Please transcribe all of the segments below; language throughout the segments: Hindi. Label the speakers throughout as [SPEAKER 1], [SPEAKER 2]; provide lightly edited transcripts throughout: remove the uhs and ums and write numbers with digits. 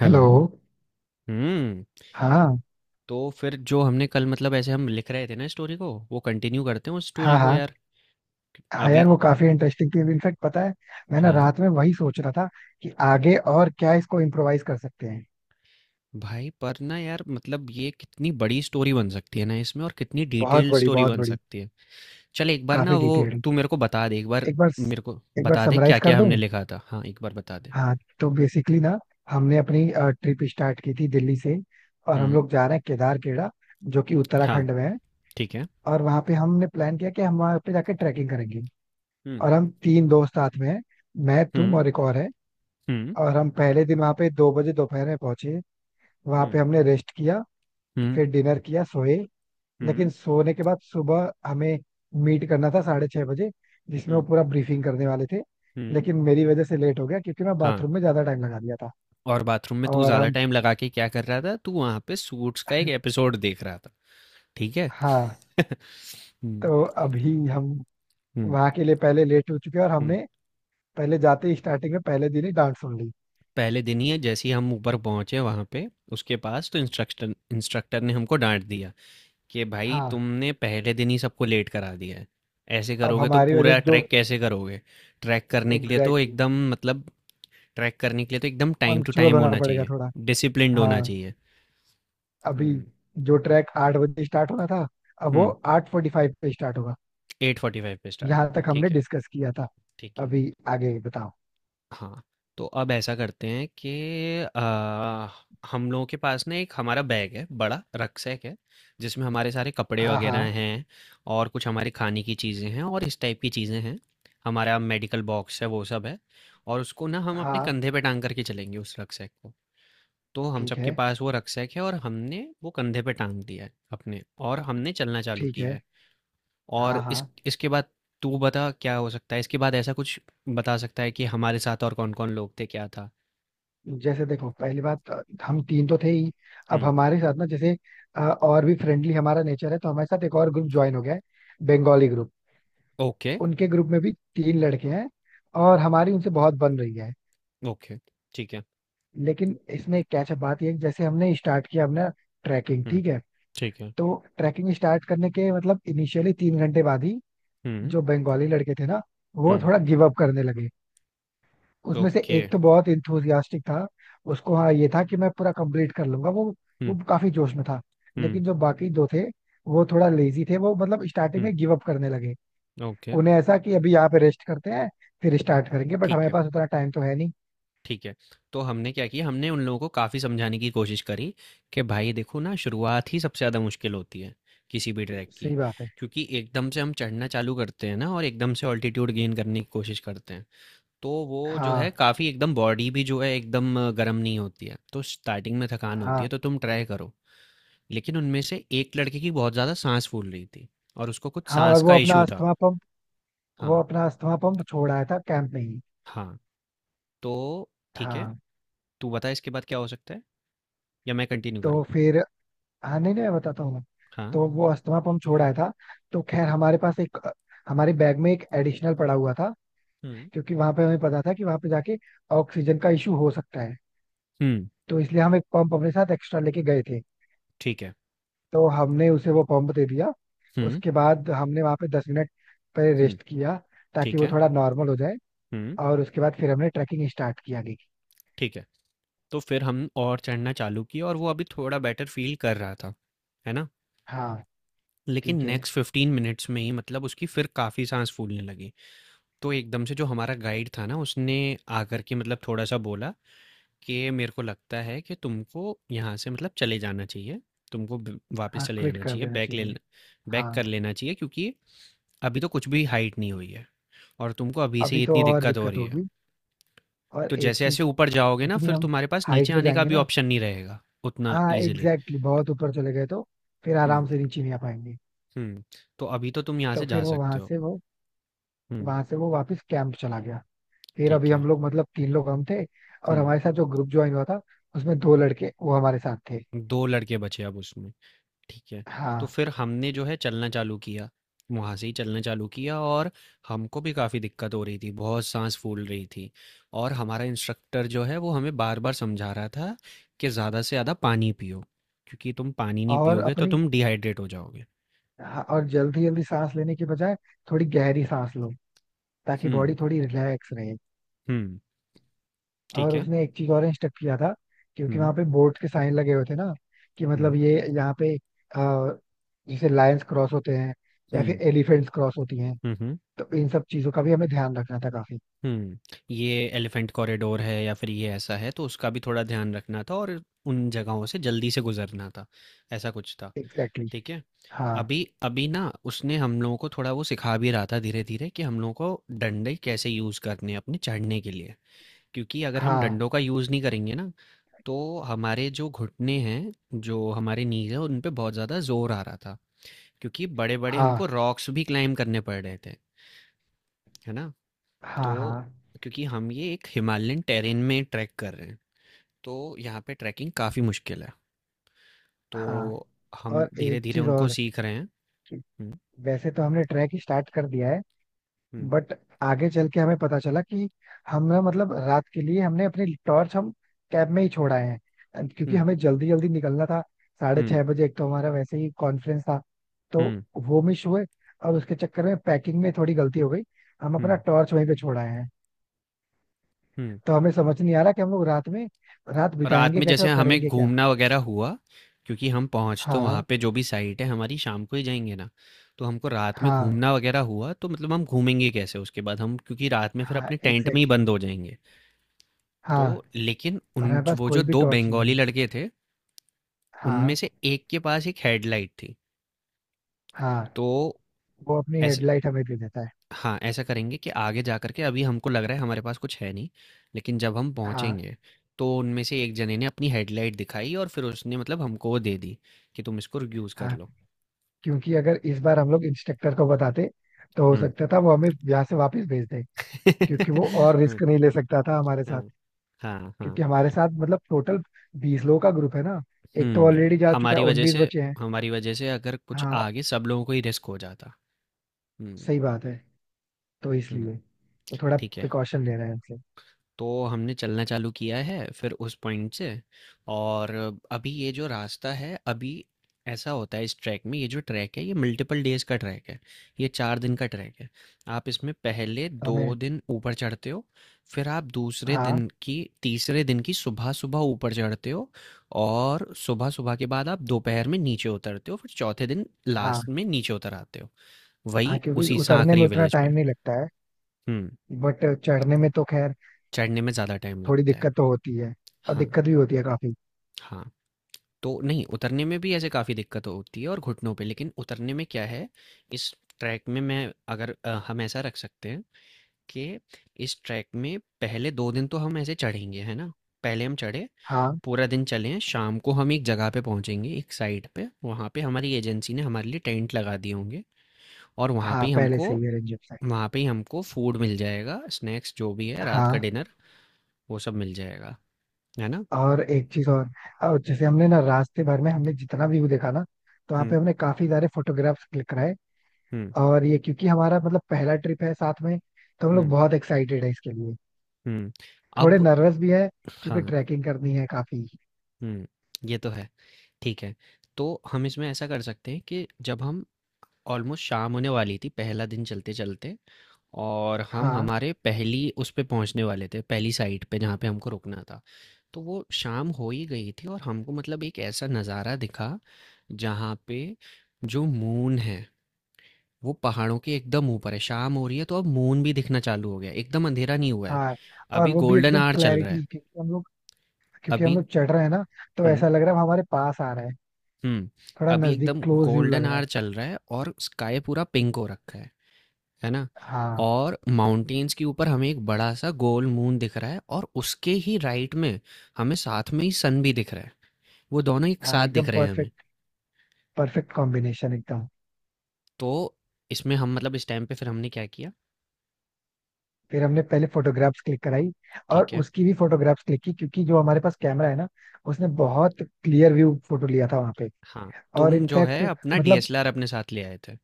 [SPEAKER 1] हेलो।
[SPEAKER 2] हेलो।
[SPEAKER 1] हुँ।
[SPEAKER 2] हाँ।
[SPEAKER 1] तो फिर जो हमने कल मतलब ऐसे हम लिख रहे थे ना स्टोरी को, वो कंटिन्यू करते हैं उस स्टोरी
[SPEAKER 2] हाँ।
[SPEAKER 1] को
[SPEAKER 2] हाँ।
[SPEAKER 1] यार।
[SPEAKER 2] हाँ
[SPEAKER 1] अभी
[SPEAKER 2] यार वो काफी इंटरेस्टिंग थी। इनफैक्ट पता है मैं ना
[SPEAKER 1] हाँ,
[SPEAKER 2] रात में वही सोच रहा था कि आगे और क्या इसको इम्प्रोवाइज कर सकते हैं।
[SPEAKER 1] भाई पर ना यार मतलब ये कितनी बड़ी स्टोरी बन सकती है ना इसमें और कितनी
[SPEAKER 2] बहुत
[SPEAKER 1] डिटेल्ड
[SPEAKER 2] बड़ी
[SPEAKER 1] स्टोरी
[SPEAKER 2] बहुत
[SPEAKER 1] बन
[SPEAKER 2] बड़ी।
[SPEAKER 1] सकती है। चल एक बार
[SPEAKER 2] काफी
[SPEAKER 1] ना वो
[SPEAKER 2] डिटेल्ड।
[SPEAKER 1] तू मेरे को बता दे एक बार
[SPEAKER 2] एक बार।
[SPEAKER 1] मेरे को
[SPEAKER 2] एक बार
[SPEAKER 1] बता दे
[SPEAKER 2] समराइज कर
[SPEAKER 1] क्या-क्या
[SPEAKER 2] दूं।
[SPEAKER 1] हमने लिखा था? हाँ, एक बार बता दे।
[SPEAKER 2] हाँ तो बेसिकली ना हमने अपनी ट्रिप स्टार्ट की थी दिल्ली से और हम
[SPEAKER 1] हुँ,
[SPEAKER 2] लोग जा रहे हैं केदार केड़ा जो कि
[SPEAKER 1] हाँ,
[SPEAKER 2] उत्तराखंड में है।
[SPEAKER 1] ठीक है।
[SPEAKER 2] और वहां पे हमने प्लान किया कि हम वहां पे जाके ट्रैकिंग करेंगे।
[SPEAKER 1] हुँ।
[SPEAKER 2] और हम तीन दोस्त साथ में हैं, मैं तुम
[SPEAKER 1] हुँ।
[SPEAKER 2] और एक और है।
[SPEAKER 1] हुँ।
[SPEAKER 2] और हम पहले दिन वहां पे 2 बजे दोपहर में पहुंचे। वहां पे
[SPEAKER 1] हुँ।
[SPEAKER 2] हमने रेस्ट किया,
[SPEAKER 1] हुँ।
[SPEAKER 2] फिर डिनर किया, सोए।
[SPEAKER 1] हुँ।
[SPEAKER 2] लेकिन सोने के बाद सुबह हमें मीट करना था 6:30 बजे, जिसमें वो
[SPEAKER 1] हुँ।
[SPEAKER 2] पूरा ब्रीफिंग करने वाले थे।
[SPEAKER 1] हुँ।
[SPEAKER 2] लेकिन मेरी वजह से लेट हो गया क्योंकि मैं
[SPEAKER 1] हाँ।
[SPEAKER 2] बाथरूम में ज्यादा टाइम लगा दिया था।
[SPEAKER 1] और बाथरूम में तू
[SPEAKER 2] और
[SPEAKER 1] ज्यादा
[SPEAKER 2] हम
[SPEAKER 1] टाइम लगा के क्या कर रहा था? तू वहां पे सूट्स का एक एपिसोड देख रहा था। ठीक है।
[SPEAKER 2] हाँ
[SPEAKER 1] हम्म।
[SPEAKER 2] तो अभी हम
[SPEAKER 1] हम्म।
[SPEAKER 2] वहां के लिए पहले लेट हो चुके हैं और
[SPEAKER 1] हम्म।
[SPEAKER 2] हमने पहले जाते ही स्टार्टिंग में पहले दिन ही डांट सुन ली।
[SPEAKER 1] पहले दिन ही है जैसे ही हम ऊपर पहुंचे वहां पे उसके पास तो इंस्ट्रक्टर इंस्ट्रक्टर ने हमको डांट दिया कि भाई
[SPEAKER 2] हाँ।
[SPEAKER 1] तुमने पहले दिन ही सबको लेट करा दिया है। ऐसे
[SPEAKER 2] अब
[SPEAKER 1] करोगे तो
[SPEAKER 2] हमारी वजह
[SPEAKER 1] पूरा
[SPEAKER 2] से जो
[SPEAKER 1] ट्रैक कैसे करोगे? ट्रैक करने के लिए तो
[SPEAKER 2] एग्जैक्टली exactly,
[SPEAKER 1] एकदम मतलब ट्रैक करने के लिए तो एकदम टाइम टू
[SPEAKER 2] पंक्चुअल
[SPEAKER 1] टाइम
[SPEAKER 2] होना
[SPEAKER 1] होना
[SPEAKER 2] पड़ेगा
[SPEAKER 1] चाहिए,
[SPEAKER 2] थोड़ा।
[SPEAKER 1] डिसिप्लिन्ड
[SPEAKER 2] हाँ।
[SPEAKER 1] होना चाहिए।
[SPEAKER 2] अभी
[SPEAKER 1] हम्म।
[SPEAKER 2] जो ट्रैक 8 बजे स्टार्ट होना था अब वो
[SPEAKER 1] हम्म।
[SPEAKER 2] 8:45 पे स्टार्ट होगा।
[SPEAKER 1] एट फोर्टी फाइव पे स्टार्ट
[SPEAKER 2] यहाँ
[SPEAKER 1] होगा,
[SPEAKER 2] तक हमने
[SPEAKER 1] ठीक है।
[SPEAKER 2] डिस्कस किया था।
[SPEAKER 1] ठीक है।
[SPEAKER 2] अभी आगे बताओ।
[SPEAKER 1] हाँ, तो अब ऐसा करते हैं कि अ, हम लोगों के पास ना एक हमारा बैग है, बड़ा रक्सैक है, जिसमें हमारे सारे कपड़े
[SPEAKER 2] हाँ।
[SPEAKER 1] वगैरह
[SPEAKER 2] हाँ।
[SPEAKER 1] हैं और कुछ हमारे खाने की चीज़ें हैं और इस टाइप की चीज़ें हैं। हमारा मेडिकल बॉक्स है, वो सब है और उसको ना हम अपने
[SPEAKER 2] हाँ।
[SPEAKER 1] कंधे पे टाँग करके चलेंगे उस रक्सैक को। तो हम
[SPEAKER 2] ठीक है।
[SPEAKER 1] सबके पास वो रक्सैक है और हमने वो कंधे पे टाँग दिया है अपने और हमने चलना चालू
[SPEAKER 2] ठीक
[SPEAKER 1] किया
[SPEAKER 2] है।
[SPEAKER 1] है।
[SPEAKER 2] हाँ
[SPEAKER 1] और
[SPEAKER 2] हाँ।
[SPEAKER 1] इस इसके बाद तू बता क्या हो सकता है? इसके बाद ऐसा कुछ बता सकता है कि हमारे साथ और कौन-कौन लोग थे, क्या था?
[SPEAKER 2] जैसे देखो पहली बात हम तीन तो थे ही। अब
[SPEAKER 1] हुँ।
[SPEAKER 2] हमारे साथ ना जैसे और भी फ्रेंडली हमारा नेचर है तो हमारे साथ एक और ग्रुप ज्वाइन हो गया है, बंगाली ग्रुप।
[SPEAKER 1] ओके।
[SPEAKER 2] उनके ग्रुप में भी तीन लड़के हैं और हमारी उनसे बहुत बन रही है।
[SPEAKER 1] ओके, ठीक है।
[SPEAKER 2] लेकिन इसमें एक कैचअप बात ये है कि जैसे हमने स्टार्ट किया हमने ट्रैकिंग,
[SPEAKER 1] हुँ,
[SPEAKER 2] ठीक है।
[SPEAKER 1] ठीक है।
[SPEAKER 2] तो ट्रैकिंग स्टार्ट करने के मतलब इनिशियली 3 घंटे बाद ही
[SPEAKER 1] हुँ।
[SPEAKER 2] जो बंगाली लड़के थे ना वो
[SPEAKER 1] हुँ।
[SPEAKER 2] थोड़ा गिव अप करने लगे। उसमें से
[SPEAKER 1] ओके।
[SPEAKER 2] एक तो बहुत इंथुजियास्टिक था। उसको हाँ ये था कि मैं पूरा कंप्लीट कर लूंगा वो। वो
[SPEAKER 1] हुँ।
[SPEAKER 2] काफी जोश में था।
[SPEAKER 1] हुँ।
[SPEAKER 2] लेकिन जो बाकी दो थे वो थोड़ा लेजी थे, वो मतलब स्टार्टिंग
[SPEAKER 1] हुँ।
[SPEAKER 2] में गिव अप करने लगे।
[SPEAKER 1] ओके,
[SPEAKER 2] उन्हें ऐसा कि अभी यहाँ पे रेस्ट करते हैं फिर स्टार्ट करेंगे, बट
[SPEAKER 1] ठीक
[SPEAKER 2] हमारे
[SPEAKER 1] है,
[SPEAKER 2] पास उतना टाइम तो है नहीं।
[SPEAKER 1] ठीक है। तो हमने क्या किया, हमने उन लोगों को काफ़ी समझाने की कोशिश करी कि भाई देखो ना शुरुआत ही सबसे ज़्यादा मुश्किल होती है, किसी भी ट्रैक की।
[SPEAKER 2] सही बात है।
[SPEAKER 1] क्योंकि एकदम से हम चढ़ना चालू करते हैं ना और एकदम से ऑल्टीट्यूड गेन करने की कोशिश करते हैं। तो वो जो है
[SPEAKER 2] हाँ।
[SPEAKER 1] काफ़ी एकदम बॉडी भी जो है एकदम गर्म नहीं होती है तो स्टार्टिंग में थकान होती
[SPEAKER 2] हाँ।
[SPEAKER 1] है तो तुम ट्राई करो। लेकिन उनमें से एक लड़के की बहुत ज़्यादा सांस फूल रही थी और उसको कुछ
[SPEAKER 2] हाँ और
[SPEAKER 1] सांस
[SPEAKER 2] वो
[SPEAKER 1] का
[SPEAKER 2] अपना
[SPEAKER 1] इशू था।
[SPEAKER 2] Asthma pump. वो
[SPEAKER 1] हाँ।
[SPEAKER 2] अपना अस्थमा पंप छोड़ आया था कैंप में ही।
[SPEAKER 1] हाँ। तो ठीक है,
[SPEAKER 2] हाँ।
[SPEAKER 1] तू बता इसके बाद क्या हो सकता है या मैं कंटिन्यू करूँ?
[SPEAKER 2] तो फिर। हाँ नहीं नहीं मैं बताता हूँ मैं
[SPEAKER 1] हाँ।
[SPEAKER 2] तो वो अस्थमा पंप छोड़ आया था। तो खैर हमारे पास एक, हमारे बैग में एक एडिशनल पड़ा हुआ था
[SPEAKER 1] हम्म।
[SPEAKER 2] क्योंकि वहां पे हमें पता था कि वहां पे जाके ऑक्सीजन का इशू हो सकता है।
[SPEAKER 1] हम्म।
[SPEAKER 2] तो इसलिए हम एक पंप अपने साथ एक्स्ट्रा लेके गए थे।
[SPEAKER 1] ठीक है।
[SPEAKER 2] तो हमने उसे वो पंप दे दिया।
[SPEAKER 1] हम्म।
[SPEAKER 2] उसके बाद हमने वहां पे 10 मिनट पे
[SPEAKER 1] हम्म।
[SPEAKER 2] रेस्ट किया ताकि
[SPEAKER 1] ठीक
[SPEAKER 2] वो
[SPEAKER 1] है।
[SPEAKER 2] थोड़ा नॉर्मल हो जाए।
[SPEAKER 1] हम्म।
[SPEAKER 2] और उसके बाद फिर हमने ट्रैकिंग स्टार्ट की आगे की।
[SPEAKER 1] ठीक है। तो फिर हम और चढ़ना चालू किया और वो अभी थोड़ा बेटर फील कर रहा था, है ना?
[SPEAKER 2] हाँ।
[SPEAKER 1] लेकिन
[SPEAKER 2] ठीक है।
[SPEAKER 1] नेक्स्ट फिफ्टीन मिनट्स में ही मतलब उसकी फिर काफ़ी सांस फूलने लगी। तो एकदम से जो हमारा गाइड था ना उसने आकर के मतलब थोड़ा-सा बोला कि मेरे को लगता है कि तुमको यहाँ से मतलब चले जाना चाहिए। तुमको ब वापस
[SPEAKER 2] हाँ
[SPEAKER 1] चले
[SPEAKER 2] क्विट
[SPEAKER 1] जाना
[SPEAKER 2] कर
[SPEAKER 1] चाहिए,
[SPEAKER 2] देना
[SPEAKER 1] बैक ले,
[SPEAKER 2] चाहिए।
[SPEAKER 1] बैक
[SPEAKER 2] हाँ
[SPEAKER 1] कर लेना चाहिए क्योंकि अभी तो कुछ भी हाइट नहीं हुई है और तुमको अभी से ही
[SPEAKER 2] अभी तो
[SPEAKER 1] इतनी
[SPEAKER 2] और
[SPEAKER 1] दिक्कत हो
[SPEAKER 2] दिक्कत
[SPEAKER 1] रही है।
[SPEAKER 2] होगी। और
[SPEAKER 1] तो
[SPEAKER 2] एक चीज,
[SPEAKER 1] जैसे-जैसे ऊपर जाओगे ना
[SPEAKER 2] जितनी
[SPEAKER 1] फिर
[SPEAKER 2] हम
[SPEAKER 1] तुम्हारे पास नीचे
[SPEAKER 2] हाइट पे
[SPEAKER 1] आने का
[SPEAKER 2] जाएंगे
[SPEAKER 1] भी
[SPEAKER 2] ना,
[SPEAKER 1] ऑप्शन नहीं रहेगा उतना
[SPEAKER 2] हाँ
[SPEAKER 1] ईज़िली।
[SPEAKER 2] एग्जैक्टली बहुत ऊपर चले गए तो फिर आराम
[SPEAKER 1] हुँ।
[SPEAKER 2] से नीचे नहीं आ पाएंगे।
[SPEAKER 1] हुँ। तो अभी तो तुम यहाँ
[SPEAKER 2] तो
[SPEAKER 1] से जा
[SPEAKER 2] फिर वो
[SPEAKER 1] सकते
[SPEAKER 2] वहां
[SPEAKER 1] हो।
[SPEAKER 2] से वो
[SPEAKER 1] हुँ,
[SPEAKER 2] वहां से वो वापस कैंप चला गया। फिर
[SPEAKER 1] ठीक
[SPEAKER 2] अभी
[SPEAKER 1] है।
[SPEAKER 2] हम लोग मतलब तीन लोग हम थे और
[SPEAKER 1] हुँ,
[SPEAKER 2] हमारे साथ जो ग्रुप ज्वाइन हुआ था उसमें दो लड़के वो हमारे साथ थे।
[SPEAKER 1] 2 लड़के बचे अब उसमें। ठीक है। तो
[SPEAKER 2] हाँ
[SPEAKER 1] फिर हमने जो है चलना चालू किया। वहाँ से ही चलना चालू किया और हमको भी काफ़ी दिक्कत हो रही थी, बहुत साँस फूल रही थी और हमारा इंस्ट्रक्टर जो है वो हमें बार-बार समझा रहा था कि ज़्यादा से ज़्यादा पानी पियो, क्योंकि तुम पानी नहीं
[SPEAKER 2] और
[SPEAKER 1] पियोगे तो
[SPEAKER 2] अपनी
[SPEAKER 1] तुम डिहाइड्रेट हो जाओगे।
[SPEAKER 2] हाँ, और जल्दी जल्दी सांस लेने के बजाय थोड़ी गहरी सांस लो ताकि
[SPEAKER 1] हुँ।
[SPEAKER 2] बॉडी थोड़ी रिलैक्स रहे।
[SPEAKER 1] हुँ, ठीक
[SPEAKER 2] और
[SPEAKER 1] है।
[SPEAKER 2] उसने एक चीज और इंस्ट्रक्ट किया था क्योंकि
[SPEAKER 1] हुँ।
[SPEAKER 2] वहां पे बोर्ड के साइन लगे हुए थे ना, कि मतलब
[SPEAKER 1] हुँ।
[SPEAKER 2] ये यहाँ पे जैसे लायंस क्रॉस होते हैं या फिर
[SPEAKER 1] हुँ।
[SPEAKER 2] एलिफेंट्स क्रॉस होती हैं।
[SPEAKER 1] हुँ। हुँ।
[SPEAKER 2] तो इन सब चीजों का भी हमें ध्यान रखना था काफी।
[SPEAKER 1] हुँ। ये एलिफेंट कॉरिडोर है या फिर ये ऐसा है, तो उसका भी थोड़ा ध्यान रखना था और उन जगहों से जल्दी से गुज़रना था, ऐसा कुछ था।
[SPEAKER 2] एग्जैक्टली
[SPEAKER 1] ठीक है?
[SPEAKER 2] exactly। हाँ।
[SPEAKER 1] अभी, अभी ना उसने हम लोगों को थोड़ा वो सिखा भी रहा था धीरे-धीरे कि हम लोगों को डंडे कैसे यूज़ करने हैं अपने चढ़ने के लिए। क्योंकि अगर हम डंडों
[SPEAKER 2] हाँ।
[SPEAKER 1] का यूज़ नहीं करेंगे ना, तो हमारे जो घुटने हैं, जो हमारे नीज़ हैं, उन पे बहुत ज़्यादा ज़ोर आ रहा था। क्योंकि बड़े-बड़े
[SPEAKER 2] हाँ।
[SPEAKER 1] हमको रॉक्स भी क्लाइम्ब करने पड़ रहे थे, है ना?
[SPEAKER 2] हाँ।
[SPEAKER 1] तो
[SPEAKER 2] हाँ।
[SPEAKER 1] क्योंकि हम ये एक हिमालयन टेरेन में ट्रैक कर रहे हैं, तो यहाँ पे ट्रैकिंग काफ़ी मुश्किल है। तो
[SPEAKER 2] हाँ।
[SPEAKER 1] हम
[SPEAKER 2] और एक
[SPEAKER 1] धीरे-धीरे
[SPEAKER 2] चीज
[SPEAKER 1] उनको
[SPEAKER 2] और
[SPEAKER 1] सीख रहे हैं।
[SPEAKER 2] कि
[SPEAKER 1] हुँ।
[SPEAKER 2] वैसे तो हमने ट्रैक स्टार्ट कर दिया है
[SPEAKER 1] हुँ।
[SPEAKER 2] बट आगे चल के हमें पता चला कि हमने मतलब रात के लिए हमने अपनी टॉर्च हम कैब में ही छोड़ा है क्योंकि
[SPEAKER 1] हुँ।
[SPEAKER 2] हमें जल्दी जल्दी निकलना था। साढ़े
[SPEAKER 1] हुँ।
[SPEAKER 2] छह बजे एक तो हमारा वैसे ही कॉन्फ्रेंस था तो
[SPEAKER 1] हुँ।
[SPEAKER 2] वो मिस हुए। और उसके चक्कर में पैकिंग में थोड़ी गलती हो गई, हम अपना
[SPEAKER 1] हुँ।
[SPEAKER 2] टॉर्च वहीं पे छोड़ आए हैं।
[SPEAKER 1] हुँ।
[SPEAKER 2] तो हमें समझ नहीं आ रहा कि हम लोग रात में रात
[SPEAKER 1] रात
[SPEAKER 2] बिताएंगे
[SPEAKER 1] में
[SPEAKER 2] कैसे
[SPEAKER 1] जैसे
[SPEAKER 2] और
[SPEAKER 1] हमें
[SPEAKER 2] करेंगे क्या।
[SPEAKER 1] घूमना वगैरह हुआ, क्योंकि हम पहुँच तो वहाँ
[SPEAKER 2] हाँ।
[SPEAKER 1] पे जो भी साइट है हमारी शाम को ही जाएँगे ना, तो हमको रात में
[SPEAKER 2] हाँ।
[SPEAKER 1] घूमना वगैरह हुआ, तो मतलब हम घूमेंगे कैसे उसके बाद हम क्योंकि रात में फिर
[SPEAKER 2] हाँ
[SPEAKER 1] अपने टेंट में ही
[SPEAKER 2] एग्जैक्टली exactly,
[SPEAKER 1] बंद हो जाएँगे। तो
[SPEAKER 2] हाँ
[SPEAKER 1] लेकिन उन
[SPEAKER 2] और हमारे
[SPEAKER 1] ज
[SPEAKER 2] पास
[SPEAKER 1] वो जो
[SPEAKER 2] कोई भी
[SPEAKER 1] 2
[SPEAKER 2] टॉर्च नहीं
[SPEAKER 1] बंगाली
[SPEAKER 2] है।
[SPEAKER 1] लड़के थे, उनमें
[SPEAKER 2] हाँ।
[SPEAKER 1] से एक के पास एक हेडलाइट थी,
[SPEAKER 2] हाँ।
[SPEAKER 1] तो
[SPEAKER 2] वो अपनी
[SPEAKER 1] ऐसे
[SPEAKER 2] हेडलाइट हमें दे देता है।
[SPEAKER 1] हाँ, ऐसा करेंगे कि आगे जा कर के अभी हमको लग रहा है हमारे पास कुछ है नहीं, लेकिन जब हम
[SPEAKER 2] हाँ।
[SPEAKER 1] पहुँचेंगे, तो उनमें से एक जने ने अपनी हेडलाइट दिखाई और फिर उसने मतलब हमको वो दे दी, कि तुम इसको यूज़ कर
[SPEAKER 2] हाँ
[SPEAKER 1] लो।
[SPEAKER 2] क्योंकि अगर इस बार हम लोग इंस्ट्रक्टर को बताते तो हो
[SPEAKER 1] हुँ।
[SPEAKER 2] सकता था वो हमें यहाँ से वापस भेज दे। क्योंकि वो और
[SPEAKER 1] हुँ।
[SPEAKER 2] रिस्क नहीं ले सकता था हमारे साथ।
[SPEAKER 1] हाँ। हाँ, हाँ।
[SPEAKER 2] क्योंकि हमारे साथ मतलब टोटल 20 लोगों का ग्रुप है ना। एक तो
[SPEAKER 1] हुँ,
[SPEAKER 2] ऑलरेडी जा चुका है,
[SPEAKER 1] हमारी वजह
[SPEAKER 2] 19
[SPEAKER 1] से,
[SPEAKER 2] बचे हैं।
[SPEAKER 1] हमारी वजह से अगर कुछ
[SPEAKER 2] हाँ।
[SPEAKER 1] आगे सब लोगों को ही रिस्क हो जाता। हुँ।
[SPEAKER 2] सही बात है। तो
[SPEAKER 1] हुँ,
[SPEAKER 2] इसलिए वो थोड़ा
[SPEAKER 1] ठीक है।
[SPEAKER 2] प्रिकॉशन ले रहे हैं।
[SPEAKER 1] तो हमने चलना चालू किया है फिर उस पॉइंट से। और अभी ये जो रास्ता है अभी, ऐसा होता है इस ट्रैक में, ये जो ट्रैक है ये मल्टीपल डेज का ट्रैक है, ये चार दिन का ट्रैक है। आप इसमें पहले दो
[SPEAKER 2] हमें।
[SPEAKER 1] दिन ऊपर चढ़ते हो, फिर आप दूसरे
[SPEAKER 2] हाँ।
[SPEAKER 1] दिन की, तीसरे दिन की सुबह सुबह ऊपर चढ़ते हो और सुबह सुबह के बाद आप दोपहर में नीचे उतरते हो, फिर चौथे दिन
[SPEAKER 2] हाँ।
[SPEAKER 1] लास्ट में नीचे उतर आते हो,
[SPEAKER 2] हाँ
[SPEAKER 1] वही
[SPEAKER 2] क्योंकि
[SPEAKER 1] उसी
[SPEAKER 2] उतरने में
[SPEAKER 1] सांकरी
[SPEAKER 2] उतना
[SPEAKER 1] विलेज
[SPEAKER 2] टाइम
[SPEAKER 1] पे।
[SPEAKER 2] नहीं लगता है।
[SPEAKER 1] हम्म।
[SPEAKER 2] बट चढ़ने में तो खैर
[SPEAKER 1] चढ़ने में ज़्यादा टाइम
[SPEAKER 2] थोड़ी
[SPEAKER 1] लगता है।
[SPEAKER 2] दिक्कत तो होती है और
[SPEAKER 1] हाँ।
[SPEAKER 2] दिक्कत भी होती है काफी।
[SPEAKER 1] हाँ। तो नहीं, उतरने में भी ऐसे काफ़ी दिक्कत होती है और घुटनों पे, लेकिन उतरने में क्या है, इस ट्रैक में मैं अगर हम ऐसा रख सकते हैं कि इस ट्रैक में पहले 2 दिन तो हम ऐसे चढ़ेंगे, है ना? पहले हम चढ़े,
[SPEAKER 2] हाँ।
[SPEAKER 1] पूरा दिन चले, शाम को हम एक जगह पे पहुँचेंगे, एक साइट पे, वहाँ पे हमारी एजेंसी ने हमारे लिए टेंट लगा दिए होंगे और वहाँ पे
[SPEAKER 2] हाँ
[SPEAKER 1] ही
[SPEAKER 2] पहले
[SPEAKER 1] हमको,
[SPEAKER 2] से ही अरेंज है।
[SPEAKER 1] वहाँ पे ही हमको फूड मिल जाएगा, स्नैक्स जो भी है, रात का
[SPEAKER 2] हाँ
[SPEAKER 1] डिनर, वो सब मिल जाएगा, है ना?
[SPEAKER 2] और एक चीज और। और जैसे हमने ना रास्ते भर में हमने जितना व्यू देखा ना, तो वहाँ पे
[SPEAKER 1] हुँ।
[SPEAKER 2] हमने काफी सारे फोटोग्राफ्स क्लिक कराए।
[SPEAKER 1] हुँ।
[SPEAKER 2] और ये क्योंकि हमारा मतलब पहला ट्रिप है साथ में, तो हम लोग
[SPEAKER 1] हुँ।
[SPEAKER 2] बहुत एक्साइटेड है इसके लिए।
[SPEAKER 1] हुँ।
[SPEAKER 2] थोड़े
[SPEAKER 1] अब
[SPEAKER 2] नर्वस भी है क्योंकि
[SPEAKER 1] हाँ।
[SPEAKER 2] ट्रैकिंग करनी है काफी।
[SPEAKER 1] हुँ, ये तो है। ठीक है, तो हम इसमें ऐसा कर सकते हैं कि जब हम ऑलमोस्ट शाम होने वाली थी पहला दिन चलते-चलते और हम
[SPEAKER 2] हाँ।
[SPEAKER 1] हमारे पहली उस पे पहुँचने वाले थे, पहली साइट पे जहाँ पे हमको रुकना था। तो वो शाम हो ही गई थी और हमको मतलब एक ऐसा नज़ारा दिखा जहाँ पे जो मून है, वो पहाड़ों के एकदम ऊपर है। शाम हो रही है तो अब मून भी दिखना चालू हो गया है, एकदम अंधेरा नहीं हुआ है।
[SPEAKER 2] हाँ और
[SPEAKER 1] अभी
[SPEAKER 2] वो भी
[SPEAKER 1] गोल्डन
[SPEAKER 2] एकदम
[SPEAKER 1] ऑवर चल रहा है।
[SPEAKER 2] क्लैरिटी क्योंकि हम
[SPEAKER 1] अभी
[SPEAKER 2] लोग चढ़ रहे हैं ना तो ऐसा
[SPEAKER 1] हुँ।
[SPEAKER 2] लग रहा है वो हमारे पास आ रहा है।
[SPEAKER 1] हुँ।
[SPEAKER 2] थोड़ा
[SPEAKER 1] अभी
[SPEAKER 2] नजदीक
[SPEAKER 1] एकदम
[SPEAKER 2] क्लोज व्यू लग
[SPEAKER 1] गोल्डन
[SPEAKER 2] रहा है।
[SPEAKER 1] ऑवर चल रहा है और स्काई पूरा पिंक हो रखा है ना?
[SPEAKER 2] हाँ।
[SPEAKER 1] और माउंटेन्स के ऊपर हमें एक बड़ा-सा गोल मून दिख रहा है और उसके ही राइट में हमें साथ में ही सन भी दिख रहा है। वो दोनों एक
[SPEAKER 2] हाँ
[SPEAKER 1] साथ
[SPEAKER 2] एकदम
[SPEAKER 1] दिख रहे हैं हमें।
[SPEAKER 2] परफेक्ट, परफेक्ट कॉम्बिनेशन एकदम।
[SPEAKER 1] तो इसमें हम मतलब इस टाइम पे फिर हमने क्या किया?
[SPEAKER 2] फिर हमने पहले फोटोग्राफ्स क्लिक कराई और
[SPEAKER 1] ठीक है।
[SPEAKER 2] उसकी भी फोटोग्राफ्स क्लिक की क्योंकि जो हमारे पास कैमरा है ना, उसने बहुत क्लियर व्यू फोटो लिया था वहां पे।
[SPEAKER 1] हाँ,
[SPEAKER 2] और
[SPEAKER 1] तुम जो है
[SPEAKER 2] इनफैक्ट
[SPEAKER 1] अपना
[SPEAKER 2] मतलब,
[SPEAKER 1] डीएसएलआर अपने साथ ले आए थे।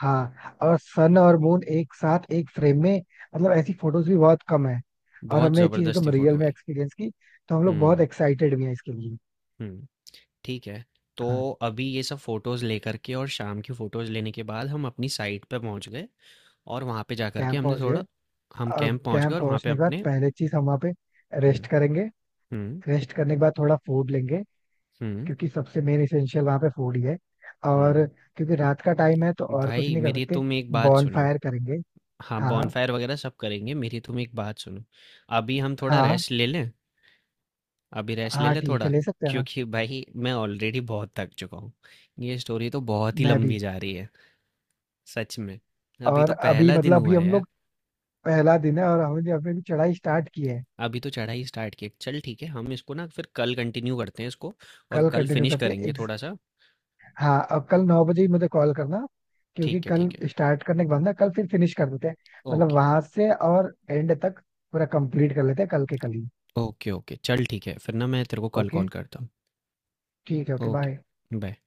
[SPEAKER 2] हाँ और सन और मून एक साथ एक फ्रेम में, मतलब ऐसी फोटोज भी बहुत कम है। और
[SPEAKER 1] बहुत
[SPEAKER 2] हमने ये चीज
[SPEAKER 1] ज़बरदस्त
[SPEAKER 2] एकदम
[SPEAKER 1] ही
[SPEAKER 2] रियल
[SPEAKER 1] फ़ोटो
[SPEAKER 2] में
[SPEAKER 1] आई।
[SPEAKER 2] एक्सपीरियंस की तो हम लोग बहुत
[SPEAKER 1] हुँ।
[SPEAKER 2] एक्साइटेड भी हैं इसके लिए।
[SPEAKER 1] हुँ। ठीक है। तो
[SPEAKER 2] हाँ।
[SPEAKER 1] अभी ये सब फ़ोटोज़ लेकर के और शाम की फ़ोटोज़ लेने के बाद हम अपनी साइट पे पहुँच गए और वहाँ पे जाकर के
[SPEAKER 2] कैंप
[SPEAKER 1] हमने
[SPEAKER 2] पहुंच गए।
[SPEAKER 1] थोड़ा, हम
[SPEAKER 2] अब
[SPEAKER 1] कैंप पहुँच गए
[SPEAKER 2] कैंप
[SPEAKER 1] और वहाँ पे
[SPEAKER 2] पहुंचने के बाद
[SPEAKER 1] अपने,
[SPEAKER 2] पहले चीज हम वहाँ पे रेस्ट
[SPEAKER 1] हुँ।
[SPEAKER 2] करेंगे।
[SPEAKER 1] हुँ।
[SPEAKER 2] रेस्ट करने के बाद थोड़ा फूड लेंगे
[SPEAKER 1] हुँ।
[SPEAKER 2] क्योंकि सबसे मेन इसेंशियल वहाँ पे फूड ही है। और
[SPEAKER 1] हुँ।
[SPEAKER 2] क्योंकि रात का टाइम है तो और कुछ
[SPEAKER 1] भाई
[SPEAKER 2] नहीं कर
[SPEAKER 1] मेरी
[SPEAKER 2] सकते।
[SPEAKER 1] तुम एक बात
[SPEAKER 2] बॉन
[SPEAKER 1] सुनो।
[SPEAKER 2] फायर करेंगे।
[SPEAKER 1] हाँ,
[SPEAKER 2] हाँ।
[SPEAKER 1] बॉनफायर वग़ैरह सब करेंगे, मेरी तुम एक बात सुनो। अभी हम थोड़ा
[SPEAKER 2] हाँ।
[SPEAKER 1] रेस्ट ले लें? अभी रेस्ट ले
[SPEAKER 2] हाँ
[SPEAKER 1] लें
[SPEAKER 2] ठीक
[SPEAKER 1] थोड़ा?
[SPEAKER 2] है ले सकते हैं ना।
[SPEAKER 1] क्योंकि भाई मैं ऑलरेडी बहुत थक चुका हूँ। ये स्टोरी तो बहुत ही
[SPEAKER 2] मैं
[SPEAKER 1] लंबी
[SPEAKER 2] भी।
[SPEAKER 1] जा रही है, सच में। अभी
[SPEAKER 2] और
[SPEAKER 1] तो
[SPEAKER 2] अभी
[SPEAKER 1] पहला दिन
[SPEAKER 2] मतलब
[SPEAKER 1] हुआ
[SPEAKER 2] अभी
[SPEAKER 1] है
[SPEAKER 2] हम
[SPEAKER 1] यार।
[SPEAKER 2] लोग पहला दिन है और हमने अभी अभी चढ़ाई स्टार्ट की है।
[SPEAKER 1] अभी तो चढ़ाई स्टार्ट की है। चल ठीक है हम इसको ना फिर कल कंटिन्यू करते हैं इसको और
[SPEAKER 2] कल
[SPEAKER 1] कल
[SPEAKER 2] कंटिन्यू
[SPEAKER 1] फिनिश
[SPEAKER 2] करते हैं।
[SPEAKER 1] करेंगे थोड़ा सा।
[SPEAKER 2] हाँ अब कल 9 बजे ही मुझे कॉल करना क्योंकि
[SPEAKER 1] ठीक है,
[SPEAKER 2] कल
[SPEAKER 1] ठीक है।
[SPEAKER 2] स्टार्ट करने के बाद ना कल फिर फिनिश कर देते हैं। मतलब
[SPEAKER 1] ओके।
[SPEAKER 2] वहां से और एंड तक पूरा कंप्लीट कर लेते हैं कल के कल ही।
[SPEAKER 1] ओके। ओके चल ठीक है फिर ना मैं तेरे को कल
[SPEAKER 2] ओके।
[SPEAKER 1] कॉल करता हूँ।
[SPEAKER 2] ठीक है। Okay
[SPEAKER 1] okay.
[SPEAKER 2] बाय।
[SPEAKER 1] बाय।